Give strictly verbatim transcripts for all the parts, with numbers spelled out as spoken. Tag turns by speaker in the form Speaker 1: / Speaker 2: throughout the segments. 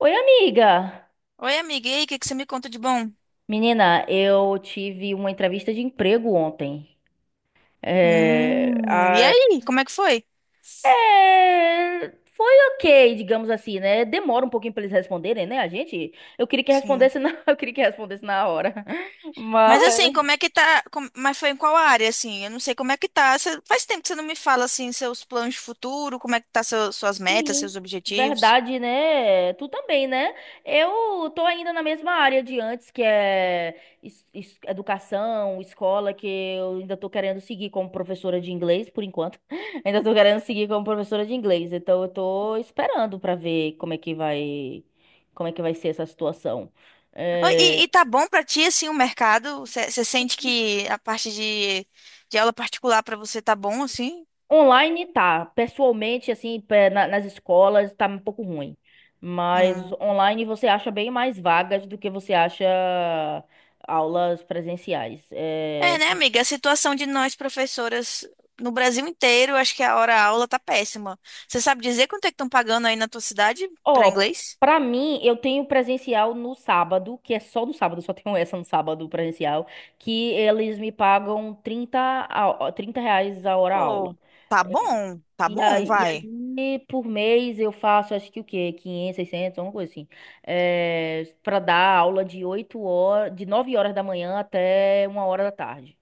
Speaker 1: Oi, amiga!
Speaker 2: Oi, amiga, e aí, o que que você me conta de bom?
Speaker 1: Menina, eu tive uma entrevista de emprego ontem. É,
Speaker 2: Hum, e
Speaker 1: a-
Speaker 2: aí, como é que foi?
Speaker 1: é, foi ok, digamos assim, né? Demora um pouquinho pra eles responderem, né? A gente, eu queria que
Speaker 2: Sim.
Speaker 1: respondesse na, eu queria que respondesse na hora, mas
Speaker 2: Mas assim, como é que tá? com- mas foi em qual área, assim? Eu não sei como é que tá. Você- faz tempo que você não me fala, assim, seus planos de futuro, como é que tá seu- suas metas,
Speaker 1: sim,
Speaker 2: seus objetivos.
Speaker 1: verdade, né? Tu também, né? Eu tô ainda na mesma área de antes, que é es- es- educação, escola, que eu ainda tô querendo seguir como professora de inglês, por enquanto. Ainda tô querendo seguir como professora de inglês. Então eu tô esperando pra ver como é que vai, como é que vai ser essa situação.
Speaker 2: Oi, E,
Speaker 1: É,
Speaker 2: e tá bom pra ti, assim, o mercado? Você você sente que a parte de, de aula particular pra você tá bom, assim?
Speaker 1: Online tá, pessoalmente, assim, pe- na- nas escolas tá um pouco ruim. Mas
Speaker 2: Hum.
Speaker 1: online você acha bem mais vagas do que você acha aulas presenciais.
Speaker 2: É,
Speaker 1: É...
Speaker 2: né,
Speaker 1: po-
Speaker 2: amiga? A situação de nós, professoras, no Brasil inteiro, acho que a hora-aula tá péssima. Você sabe dizer quanto é que estão pagando aí na tua cidade pra
Speaker 1: Ó,
Speaker 2: inglês?
Speaker 1: pra mim, eu tenho presencial no sábado, que é só no sábado, só tenho essa no sábado presencial, que eles me pagam trinta a- trinta reais a hora aula.
Speaker 2: Pô, tá bom, tá
Speaker 1: E
Speaker 2: bom,
Speaker 1: aí, e
Speaker 2: vai.
Speaker 1: aí, por mês, eu faço, acho que o quê? Quinhentos, seiscentos, alguma coisa assim. É, para dar aula de oito horas, de nove horas da manhã até uma hora da tarde.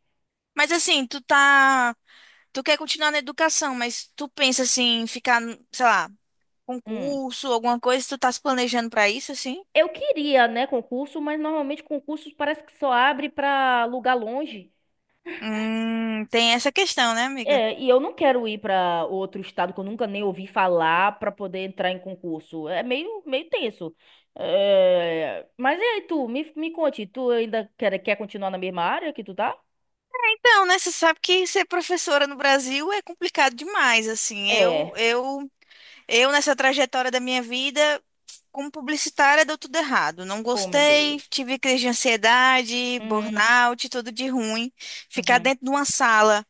Speaker 2: Mas assim, tu tá. Tu quer continuar na educação, mas tu pensa assim, em ficar, sei lá,
Speaker 1: Hum.
Speaker 2: concurso, alguma coisa, tu tá se planejando pra isso, assim?
Speaker 1: Eu queria, né, concurso, mas normalmente concursos parece que só abre pra lugar longe.
Speaker 2: Hum, tem essa questão, né, amiga?
Speaker 1: É, e eu não quero ir pra outro estado que eu nunca nem ouvi falar pra poder entrar em concurso. É meio, meio tenso. É, mas e aí, tu? Me, me conte, tu ainda quer, quer continuar na mesma área que tu tá?
Speaker 2: Então, né, você sabe que ser professora no Brasil é complicado demais, assim. Eu,
Speaker 1: É.
Speaker 2: eu Eu, nessa trajetória da minha vida, como publicitária, deu tudo errado. Não
Speaker 1: Oh, meu
Speaker 2: gostei,
Speaker 1: Deus.
Speaker 2: tive crise de ansiedade,
Speaker 1: Uhum,
Speaker 2: burnout, tudo de ruim. Ficar
Speaker 1: uhum.
Speaker 2: dentro de uma sala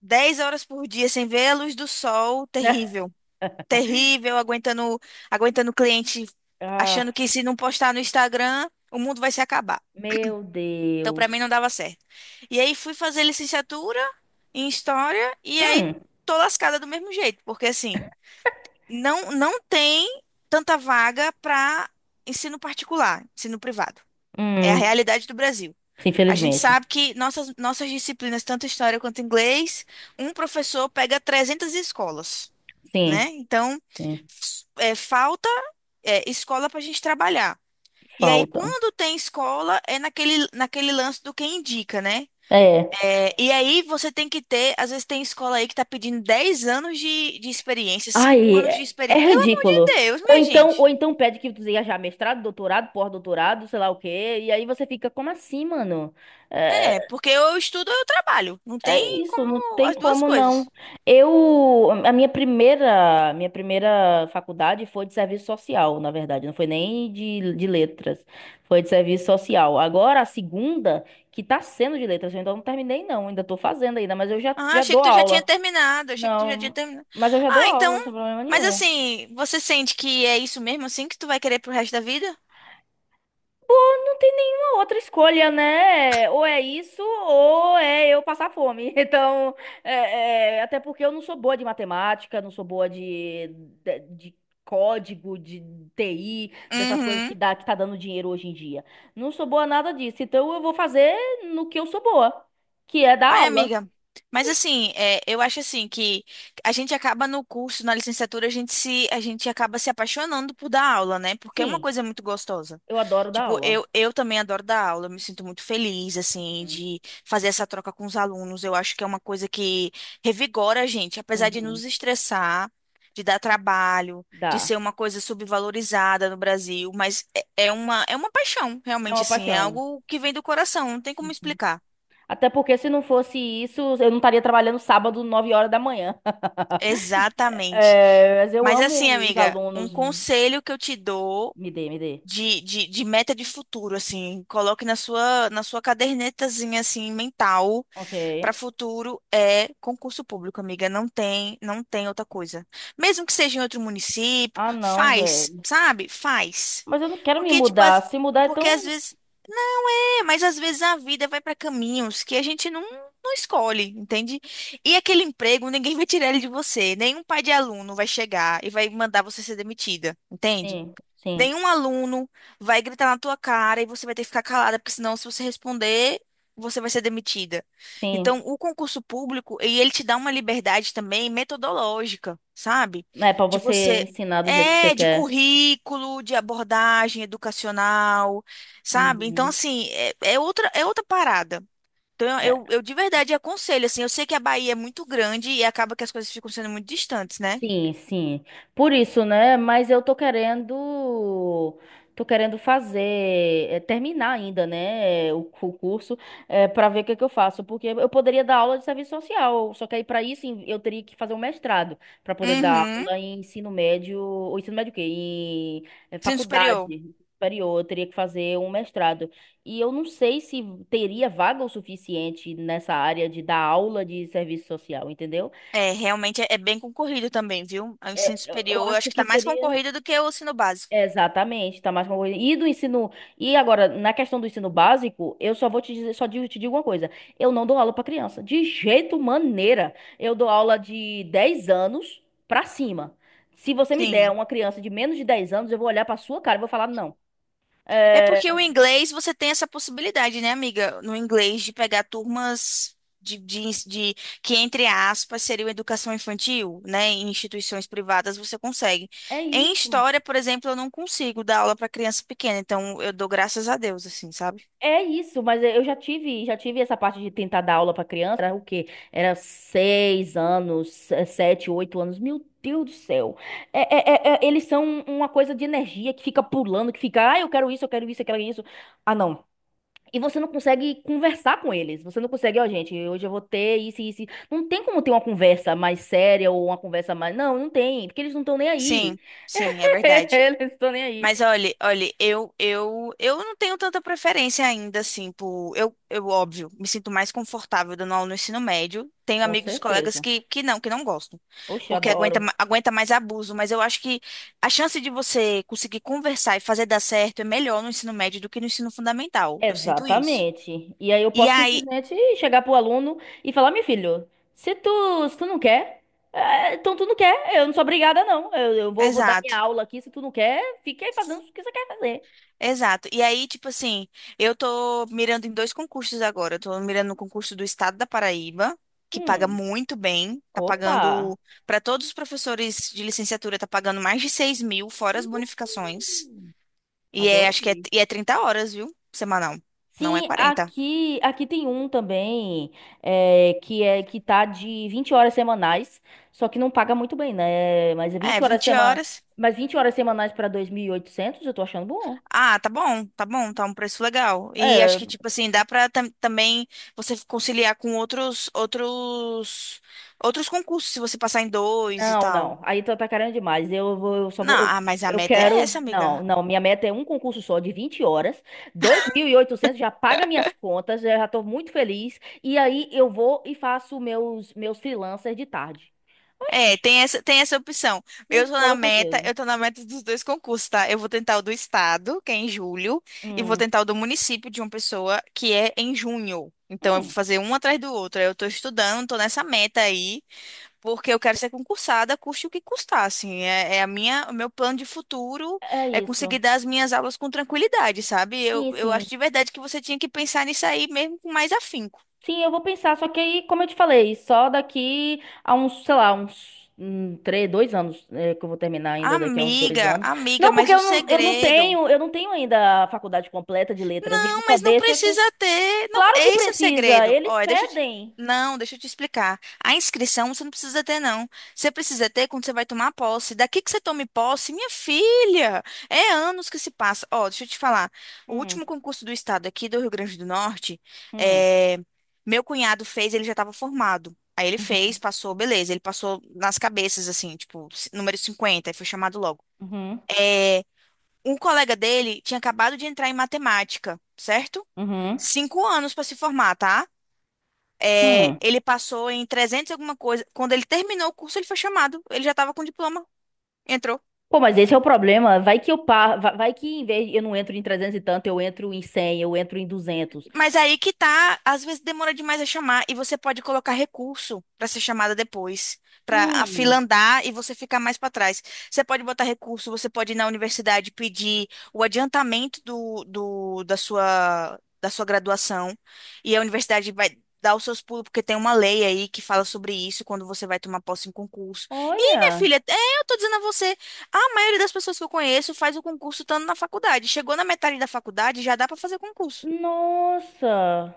Speaker 2: dez horas por dia sem ver a luz do sol, terrível. Terrível, aguentando, aguentando o cliente,
Speaker 1: Ah,
Speaker 2: achando que se não postar no Instagram, o mundo vai se acabar.
Speaker 1: meu
Speaker 2: Então, para mim, não
Speaker 1: Deus.
Speaker 2: dava certo. E aí, fui fazer licenciatura em História, e aí,
Speaker 1: Hum,
Speaker 2: tô lascada do mesmo jeito, porque assim não, não tem tanta vaga para ensino particular, ensino privado. É a
Speaker 1: hum.
Speaker 2: realidade do Brasil. A gente
Speaker 1: Infelizmente.
Speaker 2: sabe que nossas, nossas disciplinas, tanto história quanto inglês, um professor pega trezentas escolas, né?
Speaker 1: Sim,
Speaker 2: Então,
Speaker 1: sim.
Speaker 2: s- é, falta é, escola para a gente trabalhar. E aí,
Speaker 1: Falta.
Speaker 2: quando tem escola, é naquele, naquele lance do quem indica, né?
Speaker 1: É.
Speaker 2: É, e aí você tem que ter, às vezes tem escola aí que tá pedindo dez anos de, de experiência, cinco
Speaker 1: Ai,
Speaker 2: anos de
Speaker 1: é, é
Speaker 2: experiência. Pelo amor de
Speaker 1: ridículo.
Speaker 2: Deus,
Speaker 1: Ou
Speaker 2: minha
Speaker 1: então, ou
Speaker 2: gente.
Speaker 1: então pede que tu seja já mestrado, doutorado, pós-doutorado, sei lá o quê. E aí você fica, como assim, mano? É,
Speaker 2: É, porque eu estudo ou eu trabalho. Não
Speaker 1: é
Speaker 2: tem
Speaker 1: isso, não
Speaker 2: como
Speaker 1: tem
Speaker 2: as duas
Speaker 1: como não.
Speaker 2: coisas.
Speaker 1: Eu, a minha primeira, minha primeira faculdade foi de serviço social, na verdade, não foi nem de, de letras, foi de serviço social. Agora a segunda, que tá sendo de letras, eu ainda não terminei não, ainda tô fazendo ainda, mas eu já,
Speaker 2: Ah,
Speaker 1: já
Speaker 2: achei
Speaker 1: dou
Speaker 2: que tu já tinha
Speaker 1: aula.
Speaker 2: terminado, achei que tu já tinha
Speaker 1: Não,
Speaker 2: terminado.
Speaker 1: mas eu já dou
Speaker 2: Ah, então,
Speaker 1: aula, sem problema
Speaker 2: mas
Speaker 1: nenhum.
Speaker 2: assim, você sente que é isso mesmo assim que tu vai querer pro resto da vida?
Speaker 1: Não tem nenhuma outra escolha, né? Ou é isso, ou é eu passar fome. Então, é, é, até porque eu não sou boa de matemática, não sou boa de, de, de código, de T I, dessas coisas
Speaker 2: Uhum.
Speaker 1: que dá, que tá dando dinheiro hoje em dia. Não sou boa nada disso. Então, eu vou fazer no que eu sou boa, que é dar
Speaker 2: Ai,
Speaker 1: aula.
Speaker 2: amiga, mas assim, é, eu acho assim que a gente acaba no curso, na licenciatura, a gente se, a gente acaba se apaixonando por dar aula, né? Porque é uma
Speaker 1: Sim,
Speaker 2: coisa muito gostosa.
Speaker 1: eu adoro dar
Speaker 2: Tipo,
Speaker 1: aula.
Speaker 2: eu, eu também adoro dar aula, eu me sinto muito feliz, assim,
Speaker 1: Uhum.
Speaker 2: de fazer essa troca com os alunos. Eu acho que é uma coisa que revigora a gente, apesar de
Speaker 1: Uhum.
Speaker 2: nos estressar, de dar trabalho, de ser
Speaker 1: Dá.
Speaker 2: uma coisa subvalorizada no Brasil, mas é, é uma, é uma paixão,
Speaker 1: É
Speaker 2: realmente,
Speaker 1: uma
Speaker 2: assim, é
Speaker 1: paixão.
Speaker 2: algo que vem do coração, não tem como
Speaker 1: Uhum.
Speaker 2: explicar.
Speaker 1: Até porque se não fosse isso, eu não estaria trabalhando sábado, nove horas da manhã.
Speaker 2: Exatamente.
Speaker 1: É, mas eu
Speaker 2: Mas assim,
Speaker 1: amo os
Speaker 2: amiga, um
Speaker 1: alunos.
Speaker 2: conselho que eu te dou
Speaker 1: Me dê, me dê.
Speaker 2: de, de, de meta de futuro, assim, coloque na sua, na sua cadernetazinha, assim, mental
Speaker 1: Ok.
Speaker 2: para futuro é concurso público, amiga. Não tem, não tem outra coisa. Mesmo que seja em outro município,
Speaker 1: Ah, não,
Speaker 2: faz,
Speaker 1: velho.
Speaker 2: sabe? Faz.
Speaker 1: Mas eu não quero me
Speaker 2: Porque, tipo,
Speaker 1: mudar.
Speaker 2: as-
Speaker 1: Se mudar é
Speaker 2: porque às
Speaker 1: tão.
Speaker 2: vezes é, mas às vezes a vida vai para caminhos que a gente não, não escolhe, entende? E aquele emprego, ninguém vai tirar ele de você. Nenhum pai de aluno vai chegar e vai mandar você ser demitida, entende?
Speaker 1: Sim, sim,
Speaker 2: Nenhum aluno vai gritar na tua cara e você vai ter que ficar calada, porque senão, se você responder, você vai ser demitida.
Speaker 1: sim.
Speaker 2: Então, o concurso público, e ele te dá uma liberdade também metodológica, sabe?
Speaker 1: É pra
Speaker 2: De
Speaker 1: você
Speaker 2: você.
Speaker 1: ensinar do jeito que você
Speaker 2: É, de
Speaker 1: quer.
Speaker 2: currículo, de abordagem educacional, sabe? Então,
Speaker 1: Uhum.
Speaker 2: assim, é, é outra, é outra parada. Então, eu,
Speaker 1: É.
Speaker 2: eu de verdade aconselho, assim, eu sei que a Bahia é muito grande e acaba que as coisas ficam sendo muito distantes, né?
Speaker 1: Sim, sim. Por isso, né? Mas eu tô querendo, tô querendo fazer, eh, terminar ainda, né? O, cu- o curso, é, para ver o que que eu faço, porque eu poderia dar aula de serviço social, só que aí para isso em- eu teria que fazer um mestrado para poder dar
Speaker 2: Uhum.
Speaker 1: aula em ensino médio, ou ensino médio o quê? Em eh,
Speaker 2: Ensino superior.
Speaker 1: faculdade. Superior, eu teria que fazer um mestrado. E eu não sei se teria vaga o suficiente nessa área de dar aula de serviço social, entendeu?
Speaker 2: É, realmente é, é bem concorrido também, viu? É O
Speaker 1: Eu,
Speaker 2: ensino
Speaker 1: eu eu
Speaker 2: superior, eu acho
Speaker 1: acho
Speaker 2: que
Speaker 1: que
Speaker 2: tá mais
Speaker 1: seria.
Speaker 2: concorrido do que o ensino básico.
Speaker 1: Exatamente, tá mais uma coisa E do ensino. E agora, na questão do ensino básico, eu só vou te dizer, só digo, te digo uma coisa. Eu não dou aula pra criança. De jeito maneira. Eu dou aula de dez anos pra cima. Se você me der
Speaker 2: Sim.
Speaker 1: uma criança de menos de dez anos, eu vou olhar pra sua cara e vou falar, não.
Speaker 2: É
Speaker 1: É,
Speaker 2: porque o inglês você tem essa possibilidade, né, amiga? No inglês de pegar turmas de, de, ens- de- que, entre aspas, seriam educação infantil, né? Em instituições privadas você consegue.
Speaker 1: é
Speaker 2: Em
Speaker 1: isso.
Speaker 2: história, por exemplo, eu não consigo dar aula para criança pequena, então eu dou graças a Deus, assim, sabe?
Speaker 1: É isso, mas eu já tive, já tive essa parte de tentar dar aula para criança. Era o quê? Era seis anos, se- sete, oito anos. Meu Deus do céu. É, é- é- é- eles são uma coisa de energia que fica pulando, que fica, ah, eu quero isso, eu quero isso, eu quero isso. Ah, não. E você não consegue conversar com eles. Você não consegue, ó, gente, hoje eu vou ter isso e isso. Não tem como ter uma conversa mais séria ou uma conversa mais. Não, não tem, porque eles não estão nem aí.
Speaker 2: Sim, sim, é verdade.
Speaker 1: Eles não estão nem aí.
Speaker 2: Mas olha, olha, eu, eu, eu não tenho tanta preferência ainda, assim, por, eu, eu, óbvio, me sinto mais confortável dando aula no ensino médio. Tenho
Speaker 1: Com
Speaker 2: amigos, colegas
Speaker 1: certeza.
Speaker 2: que, que não, que não gostam,
Speaker 1: Oxe,
Speaker 2: porque aguenta,
Speaker 1: adoro.
Speaker 2: ma- aguenta mais abuso, mas eu acho que a chance de você conseguir conversar e fazer dar certo é melhor no ensino médio do que no ensino fundamental. Eu sinto isso.
Speaker 1: Exatamente. E aí eu
Speaker 2: E
Speaker 1: posso
Speaker 2: aí,
Speaker 1: simplesmente chegar pro aluno e falar, meu filho, se tu, se tu não quer, eh, então tu não quer, eu não sou obrigada, não. Eu, eu vou, vou dar
Speaker 2: exato.
Speaker 1: minha aula aqui, se tu não quer, fica aí fazendo o que você quer fazer.
Speaker 2: Exato. E aí, tipo assim, eu tô mirando em dois concursos agora. Eu tô mirando no concurso do Estado da Paraíba, que paga
Speaker 1: Hum,
Speaker 2: muito bem. Tá
Speaker 1: opa,
Speaker 2: pagando, para todos os professores de licenciatura, tá pagando mais de seis mil, fora as bonificações. E é, acho que é,
Speaker 1: adorei.
Speaker 2: e é trinta horas, viu? Semanal. Não é
Speaker 1: Sim,
Speaker 2: quarenta.
Speaker 1: aqui aqui tem um também é, que é que tá de vinte horas semanais, só que não paga muito bem, né? Mas é
Speaker 2: É,
Speaker 1: vinte horas
Speaker 2: vinte
Speaker 1: semana,
Speaker 2: horas.
Speaker 1: mas vinte horas semanais para dois mil e oitocentos, eu tô achando bom.
Speaker 2: Ah, tá bom, tá bom, tá um preço legal. E acho
Speaker 1: É,
Speaker 2: que, tipo assim, dá pra tam- também você conciliar com outros, outros, outros concursos, se você passar em dois e
Speaker 1: não,
Speaker 2: tal.
Speaker 1: não. Aí tá tá querendo demais. Eu vou, eu só
Speaker 2: Não,
Speaker 1: vou, eu,
Speaker 2: ah, mas a
Speaker 1: eu
Speaker 2: meta é
Speaker 1: quero.
Speaker 2: essa,
Speaker 1: Não,
Speaker 2: amiga.
Speaker 1: não. Minha meta é um concurso só de vinte horas. Dois mil e oitocentos já paga minhas contas, eu já tô muito feliz. E aí eu vou e faço meus meus freelancers de tarde.
Speaker 2: É,
Speaker 1: Oxi,
Speaker 2: tem essa, tem essa opção. Eu
Speaker 1: com
Speaker 2: tô na
Speaker 1: toda
Speaker 2: meta,
Speaker 1: certeza.
Speaker 2: eu tô na meta dos dois concursos, tá? Eu vou tentar o do estado, que é em julho, e vou
Speaker 1: Hum,
Speaker 2: tentar o do município de uma pessoa, que é em junho. Então eu vou
Speaker 1: hum.
Speaker 2: fazer um atrás do outro. Aí Eu tô estudando, tô nessa meta aí, porque eu quero ser concursada, custe o que custar, assim. É, é a minha, o meu plano de futuro
Speaker 1: É
Speaker 2: é
Speaker 1: isso.
Speaker 2: conseguir dar as minhas aulas com tranquilidade, sabe? Eu,
Speaker 1: Sim,
Speaker 2: eu
Speaker 1: sim.
Speaker 2: acho de verdade que você tinha que pensar nisso aí mesmo com mais afinco.
Speaker 1: Sim, eu vou pensar, só que aí, como eu te falei, só daqui a uns, sei lá, uns hum, três, dois anos, é, que eu vou terminar ainda daqui a uns dois
Speaker 2: Amiga,
Speaker 1: anos.
Speaker 2: amiga,
Speaker 1: Não, porque
Speaker 2: mas o
Speaker 1: eu não, eu não
Speaker 2: segredo.
Speaker 1: tenho, eu não tenho ainda a faculdade completa de letras, e ele
Speaker 2: Não,
Speaker 1: só
Speaker 2: mas não
Speaker 1: deixa com.
Speaker 2: precisa ter. Não,
Speaker 1: Claro que
Speaker 2: esse é o
Speaker 1: precisa,
Speaker 2: segredo.
Speaker 1: eles
Speaker 2: Olha, deixa eu te...
Speaker 1: pedem.
Speaker 2: Não, deixa eu te explicar. A inscrição você não precisa ter, não. Você precisa ter quando você vai tomar posse. Daqui que você tome posse, minha filha, é anos que se passa. Ó, deixa eu te falar. O
Speaker 1: Hum,
Speaker 2: último concurso do estado aqui do Rio Grande do Norte,
Speaker 1: hum,
Speaker 2: é, meu cunhado fez, ele já estava formado. Aí ele fez,
Speaker 1: uhum,
Speaker 2: passou, beleza. Ele passou nas cabeças, assim, tipo, número cinquenta, aí foi chamado logo.
Speaker 1: uhum,
Speaker 2: Eh, um colega dele tinha acabado de entrar em matemática, certo?
Speaker 1: uhum,
Speaker 2: Cinco anos para se formar, tá? É,
Speaker 1: hum.
Speaker 2: ele passou em trezentos e alguma coisa. Quando ele terminou o curso, ele foi chamado. Ele já estava com diploma. Entrou.
Speaker 1: Pô, mas esse é o problema. Vai que eu par... vai vai que em vez eu não entro em trezentos e tanto, eu entro em cem, eu entro em duzentos.
Speaker 2: Mas aí que tá, às vezes demora demais a chamar e você pode colocar recurso para ser chamada depois, para a fila
Speaker 1: Hum,
Speaker 2: andar e você ficar mais para trás. Você pode botar recurso, você pode ir na universidade pedir o adiantamento do, do, da sua, da sua graduação e a universidade vai dar os seus pulos, porque tem uma lei aí que fala sobre isso quando você vai tomar posse em concurso. E, minha
Speaker 1: olha.
Speaker 2: filha, é, eu tô dizendo a você, a maioria das pessoas que eu conheço faz o concurso estando na faculdade. Chegou na metade da faculdade, já dá para fazer concurso.
Speaker 1: Nossa.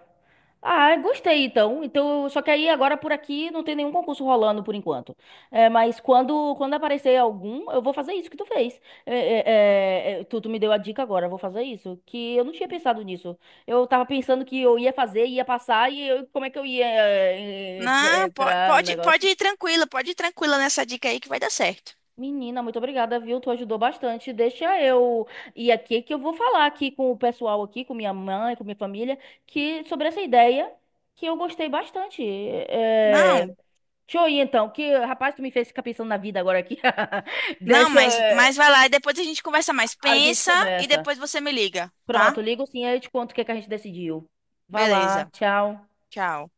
Speaker 1: Ah, gostei então. Então, só que aí agora por aqui não tem nenhum concurso rolando por enquanto. É, mas quando quando aparecer algum, eu vou fazer isso que tu fez. É, é, é, é, tu, tu me deu a dica agora, eu vou fazer isso. Que eu não tinha pensado nisso. Eu tava pensando que eu ia fazer, ia passar e eu- como é que eu ia é, é,
Speaker 2: Não, po-
Speaker 1: entrar no
Speaker 2: pode, pode
Speaker 1: negócio?
Speaker 2: ir tranquila, pode ir tranquila nessa dica aí que vai dar certo.
Speaker 1: Menina, muito obrigada, viu? Tu ajudou bastante. Deixa eu ir aqui que eu vou falar aqui com o pessoal aqui, com minha mãe, com minha família, que sobre essa ideia que eu gostei bastante. É...
Speaker 2: Não,
Speaker 1: Deixa eu ir então, que rapaz, tu me fez ficar pensando na vida agora aqui.
Speaker 2: não,
Speaker 1: Deixa
Speaker 2: mas, mas
Speaker 1: é,
Speaker 2: vai lá e depois a gente conversa mais.
Speaker 1: a gente
Speaker 2: Pensa e
Speaker 1: conversa.
Speaker 2: depois você me liga, tá?
Speaker 1: Pronto, ligo sim, aí eu te conto o que é que a gente decidiu. Vá lá,
Speaker 2: Beleza.
Speaker 1: tchau.
Speaker 2: Tchau.